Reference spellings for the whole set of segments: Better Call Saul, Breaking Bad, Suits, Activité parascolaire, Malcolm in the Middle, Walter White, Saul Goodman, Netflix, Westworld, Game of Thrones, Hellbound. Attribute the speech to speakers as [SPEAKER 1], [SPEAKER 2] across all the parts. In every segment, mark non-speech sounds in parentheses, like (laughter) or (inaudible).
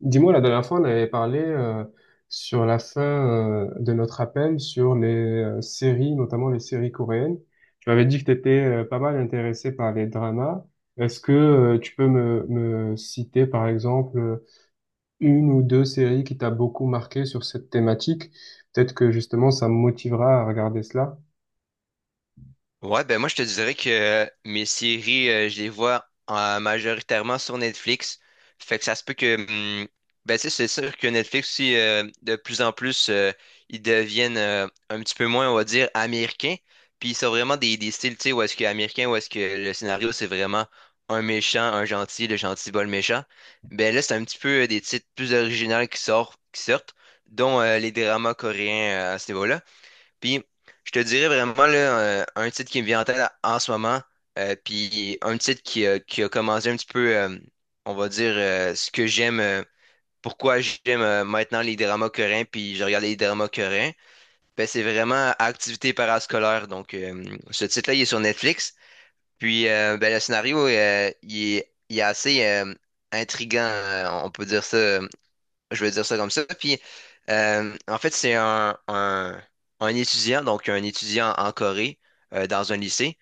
[SPEAKER 1] Dis-moi, la dernière fois, on avait parlé sur la fin de notre appel sur les séries, notamment les séries coréennes. Tu m'avais dit que tu étais pas mal intéressé par les dramas. Est-ce que tu peux me citer, par exemple, une ou deux séries qui t'a beaucoup marqué sur cette thématique. Peut-être que justement, ça me motivera à regarder cela.
[SPEAKER 2] Ouais, ben moi je te dirais que mes séries, je les vois majoritairement sur Netflix. Fait que ça se peut que hum, ben tu sais, c'est sûr que Netflix aussi de plus en plus ils deviennent un petit peu moins, on va dire, américains. Puis ils sont vraiment des styles, tu sais, où est-ce que américain, où est-ce que le scénario c'est vraiment un méchant, un gentil, le gentil bat le méchant. Ben là, c'est un petit peu des titres plus originaux qui sortent, dont les dramas coréens à ce niveau-là. Puis, je te dirais vraiment là, un titre qui me vient en tête en ce moment, puis un titre qui a commencé un petit peu, on va dire, ce que j'aime, pourquoi j'aime maintenant les dramas coréens, puis je regarde les dramas coréens, ben, c'est vraiment Activité parascolaire. Donc, ce titre-là, il est sur Netflix. Puis, ben, le scénario, il est assez intriguant, on peut dire ça. Je vais dire ça comme ça. Puis, en fait, un étudiant, donc un étudiant en Corée, dans un lycée.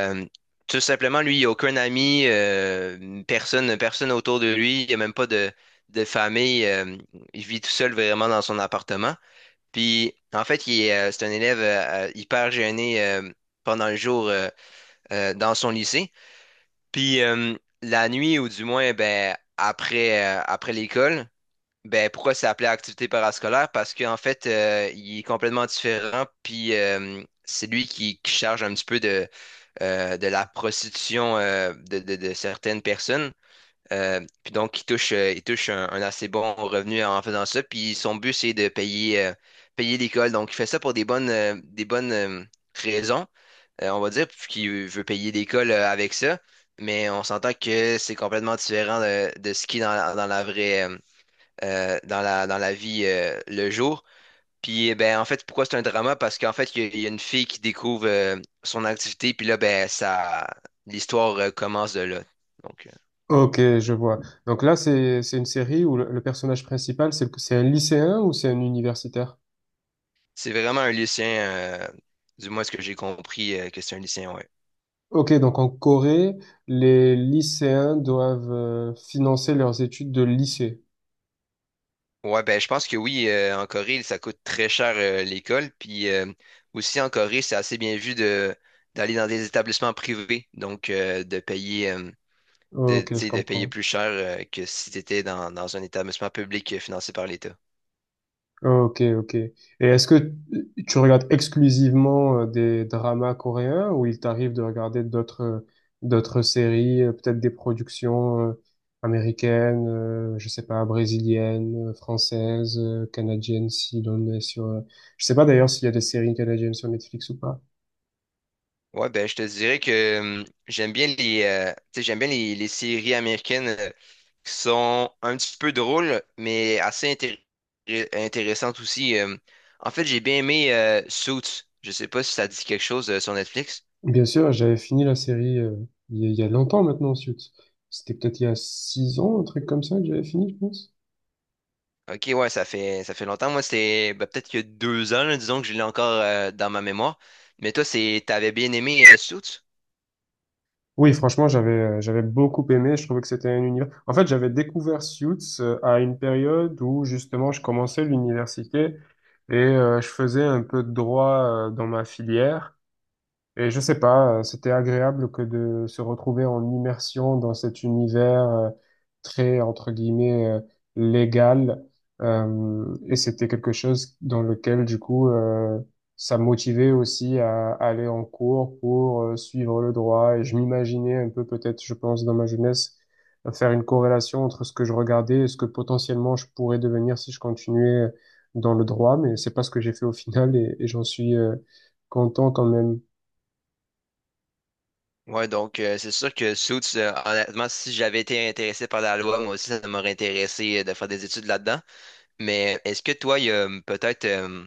[SPEAKER 2] Euh, Tout simplement, lui, il n'a aucun ami, personne autour de lui, il n'y a même pas de famille. Il vit tout seul vraiment dans son appartement. Puis, en fait, c'est un élève hyper gêné pendant le jour dans son lycée. Puis, la nuit, ou du moins, ben, après, après l'école, ben, pourquoi c'est appelé activité parascolaire? Parce qu'en fait, il est complètement différent, puis c'est lui qui charge un petit peu de la prostitution de certaines personnes. Puis donc, il touche un assez bon revenu en faisant ça. Puis son but, c'est de payer, payer l'école. Donc, il fait ça pour des bonnes raisons, on va dire, qu'il veut payer l'école avec ça. Mais on s'entend que c'est complètement différent de ce qui est dans, dans la vraie. Dans dans la vie le jour. Puis, eh ben, en fait, pourquoi c'est un drama? Parce qu'en fait, il y a une fille qui découvre son activité, puis là, ben, ça, l'histoire commence de là. Donc,
[SPEAKER 1] Ok, je vois. Donc là, c'est une série où le personnage principal, c'est un lycéen ou c'est un universitaire?
[SPEAKER 2] c'est vraiment un lycéen, du moins ce que j'ai compris, que c'est un lycéen, ouais.
[SPEAKER 1] Ok, donc en Corée, les lycéens doivent financer leurs études de lycée.
[SPEAKER 2] Ouais, ben, je pense que oui, en Corée, ça coûte très cher l'école. Puis aussi, en Corée, c'est assez bien vu de d'aller dans des établissements privés, donc de payer. De, tu
[SPEAKER 1] Ok, je
[SPEAKER 2] sais, de payer
[SPEAKER 1] comprends.
[SPEAKER 2] plus cher que si tu étais dans, dans un établissement public financé par l'État.
[SPEAKER 1] Ok, ok. Et est-ce que tu regardes exclusivement des dramas coréens ou il t'arrive de regarder d'autres d'autres séries, peut-être des productions américaines, je sais pas, brésiliennes, françaises, canadiennes, si l'on est sur... Je sais pas d'ailleurs s'il y a des séries canadiennes sur Netflix ou pas.
[SPEAKER 2] Ouais, ben je te dirais que j'aime bien les tu sais, j'aime bien les séries américaines qui sont un petit peu drôles, mais intéressantes aussi. En fait, j'ai bien aimé Suits. Je sais pas si ça dit quelque chose sur Netflix.
[SPEAKER 1] Bien sûr, j'avais fini la série il y a longtemps maintenant, Suits. C'était peut-être il y a 6 ans, un truc comme ça que j'avais fini, je pense.
[SPEAKER 2] Ok, ouais, ça fait longtemps. Moi, c'était ben, peut-être qu'il y a deux ans, là, disons que je l'ai encore dans ma mémoire. Mais toi, c'est t'avais bien aimé Suits?
[SPEAKER 1] Oui, franchement, j'avais beaucoup aimé. Je trouvais que c'était un univers. En fait, j'avais découvert Suits à une période où justement je commençais l'université et je faisais un peu de droit dans ma filière. Et je sais pas, c'était agréable que de se retrouver en immersion dans cet univers très, entre guillemets, légal. Et c'était quelque chose dans lequel, du coup, ça me motivait aussi à aller en cours pour suivre le droit. Et je m'imaginais un peu, peut-être, je pense, dans ma jeunesse, faire une corrélation entre ce que je regardais et ce que potentiellement je pourrais devenir si je continuais dans le droit. Mais c'est pas ce que j'ai fait au final et j'en suis content quand même.
[SPEAKER 2] Ouais, donc c'est sûr que Suits, honnêtement, si j'avais été intéressé par la loi, moi aussi, ça m'aurait intéressé de faire des études là-dedans. Mais est-ce que toi, il y a peut-être,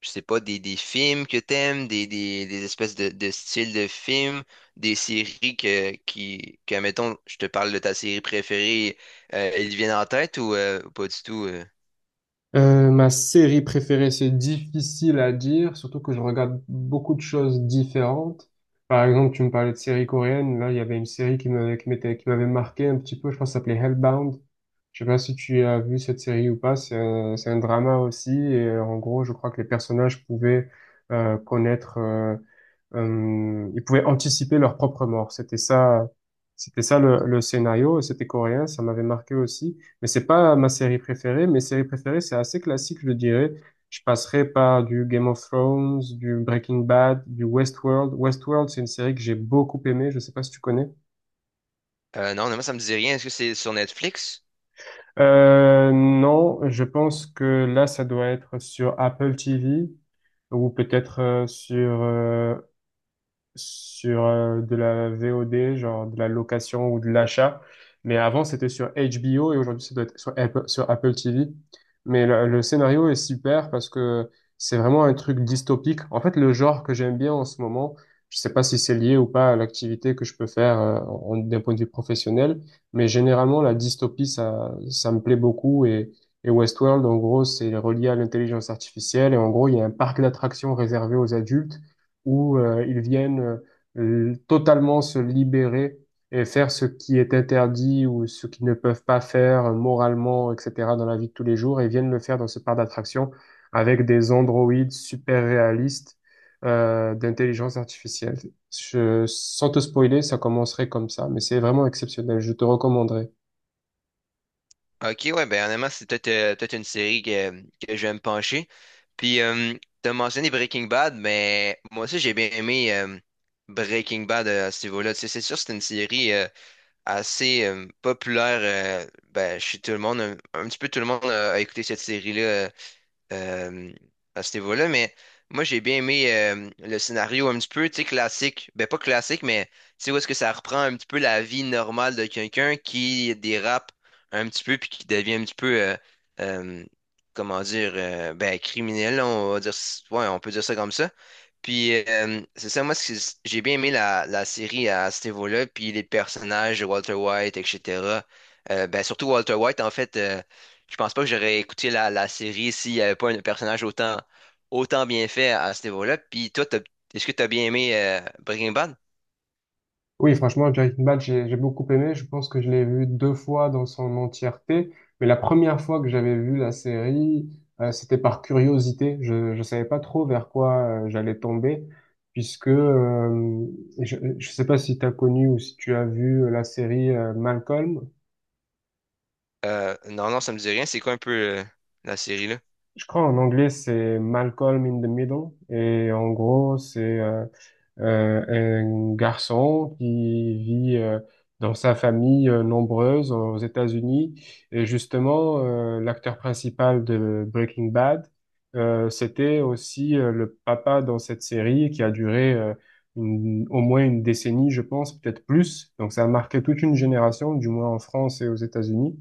[SPEAKER 2] je sais pas, des films que t'aimes, des espèces de styles de films, des séries mettons, je te parle de ta série préférée, elles viennent en tête ou pas du tout?
[SPEAKER 1] Ma série préférée, c'est difficile à dire, surtout que je regarde beaucoup de choses différentes. Par exemple, tu me parlais de séries coréennes. Là, il y avait une série qui m'avait marqué un petit peu. Je pense que ça s'appelait Hellbound. Je sais pas si tu as vu cette série ou pas. C'est un drama aussi. Et en gros, je crois que les personnages pouvaient connaître, ils pouvaient anticiper leur propre mort. C'était ça, le scénario. Et c'était coréen. Ça m'avait marqué aussi. Mais c'est pas ma série préférée. Mes séries préférées, c'est assez classique, je dirais. Je passerai par du Game of Thrones, du Breaking Bad, du Westworld. Westworld, c'est une série que j'ai beaucoup aimée. Je sais pas si tu connais.
[SPEAKER 2] Non, non, moi, ça me dit rien. Est-ce que c'est sur Netflix?
[SPEAKER 1] Non, je pense que là, ça doit être sur Apple TV ou peut-être sur de la VOD, genre de la location ou de l'achat. Mais avant, c'était sur HBO et aujourd'hui, ça doit être sur Apple TV. Mais le scénario est super parce que c'est vraiment un truc dystopique. En fait, le genre que j'aime bien en ce moment, je sais pas si c'est lié ou pas à l'activité que je peux faire d'un point de vue professionnel, mais généralement, la dystopie, ça me plaît beaucoup. Et Westworld, en gros, c'est relié à l'intelligence artificielle. Et en gros, il y a un parc d'attractions réservé aux adultes où ils viennent totalement se libérer et faire ce qui est interdit ou ce qu'ils ne peuvent pas faire moralement, etc., dans la vie de tous les jours, et viennent le faire dans ce parc d'attractions avec des androïdes super réalistes d'intelligence artificielle. Sans te spoiler, ça commencerait comme ça, mais c'est vraiment exceptionnel. Je te recommanderais.
[SPEAKER 2] Ok, ouais, ben honnêtement, c'est peut-être peut-être une série que je vais me pencher. Puis, t'as mentionné Breaking Bad, mais moi aussi, j'ai bien aimé Breaking Bad à ce niveau-là. Tu sais, c'est sûr, c'est une série assez populaire ben, chez tout le monde. Un petit peu tout le monde a écouté cette série-là euh, à ce niveau-là. Mais moi, j'ai bien aimé le scénario un petit peu, tu sais, classique. Ben, pas classique, mais tu sais, où est-ce que ça reprend un petit peu la vie normale de quelqu'un qui dérape un petit peu puis qui devient un petit peu, euh, comment dire, ben, criminel, là, on va dire, ouais, on peut dire ça comme ça. Puis, c'est ça, moi, ce que j'ai bien aimé la série à ce niveau-là, puis les personnages de Walter White, etc. Ben, surtout Walter White, en fait, je pense pas que j'aurais écouté la série s'il n'y avait pas un personnage autant bien fait à ce niveau-là. Puis, toi, est-ce que tu as bien aimé Breaking Bad?
[SPEAKER 1] Oui, franchement, Breaking Bad, j'ai beaucoup aimé. Je pense que je l'ai vu deux fois dans son entièreté. Mais la première fois que j'avais vu la série, c'était par curiosité. Je ne savais pas trop vers quoi j'allais tomber, puisque je ne sais pas si tu as connu ou si tu as vu la série Malcolm.
[SPEAKER 2] Non, non, ça me dit rien. C'est quoi un peu euh, la série, là?
[SPEAKER 1] Je crois en anglais, c'est Malcolm in the Middle. Et en gros, c'est euh, un garçon qui vit dans sa famille nombreuse aux États-Unis. Et justement, l'acteur principal de Breaking Bad, c'était aussi le papa dans cette série qui a duré au moins une décennie, je pense, peut-être plus. Donc ça a marqué toute une génération, du moins en France et aux États-Unis.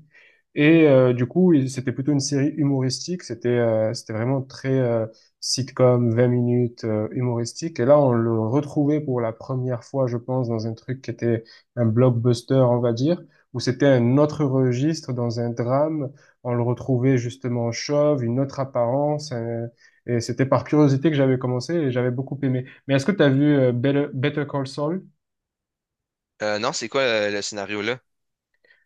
[SPEAKER 1] Et du coup, c'était plutôt une série humoristique. C'était vraiment très sitcom, 20 minutes humoristique. Et là, on le retrouvait pour la première fois, je pense, dans un truc qui était un blockbuster, on va dire, où c'était un autre registre, dans un drame. On le retrouvait justement chauve, une autre apparence. Et c'était par curiosité que j'avais commencé et j'avais beaucoup aimé. Mais est-ce que tu as vu Better Call Saul?
[SPEAKER 2] Non, c'est quoi le scénario, là?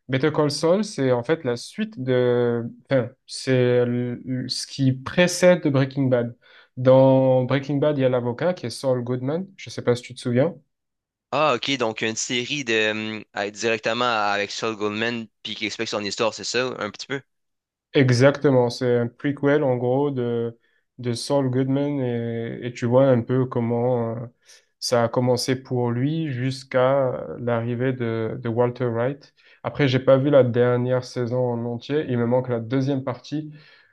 [SPEAKER 1] Better Call Saul, c'est en fait la suite de... Enfin, ce qui précède Breaking Bad. Dans Breaking Bad, il y a l'avocat qui est Saul Goodman. Je sais pas si tu te souviens.
[SPEAKER 2] Ah, ok, donc une série de, directement avec Saul Goldman, puis qui explique son histoire, c'est ça, un petit peu?
[SPEAKER 1] Exactement, c'est un prequel en gros de Saul Goodman et tu vois un peu comment ça a commencé pour lui jusqu'à l'arrivée de Walter Wright. Après, j'ai pas vu la dernière saison en entier, il me manque la deuxième partie.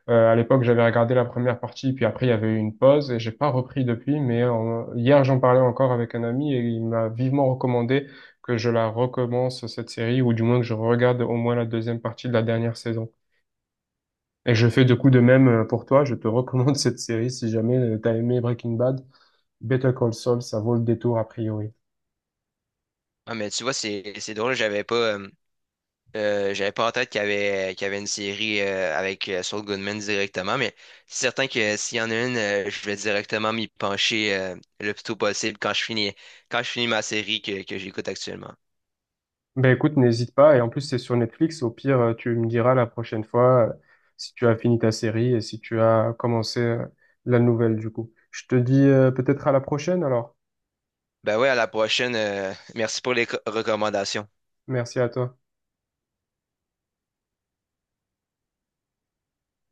[SPEAKER 1] À l'époque, j'avais regardé la première partie, puis après il y avait eu une pause et j'ai pas repris depuis, mais hier j'en parlais encore avec un ami et il m'a vivement recommandé que je la recommence cette série ou du moins que je regarde au moins la deuxième partie de la dernière saison. Et je fais de coup de même pour toi. Je te recommande (laughs) cette série si jamais t'as aimé Breaking Bad. Better Call Saul, ça vaut le détour a priori.
[SPEAKER 2] Ah, mais tu vois, c'est drôle, j'avais pas en tête qu'il y avait une série avec Saul Goodman directement, mais c'est certain que s'il y en a une, je vais directement m'y pencher le plus tôt possible quand je finis ma série que j'écoute actuellement.
[SPEAKER 1] Ben écoute, n'hésite pas. Et en plus, c'est sur Netflix. Au pire, tu me diras la prochaine fois si tu as fini ta série et si tu as commencé la nouvelle du coup. Je te dis peut-être à la prochaine alors.
[SPEAKER 2] Ben ouais, à la prochaine. Merci pour les recommandations.
[SPEAKER 1] Merci à toi.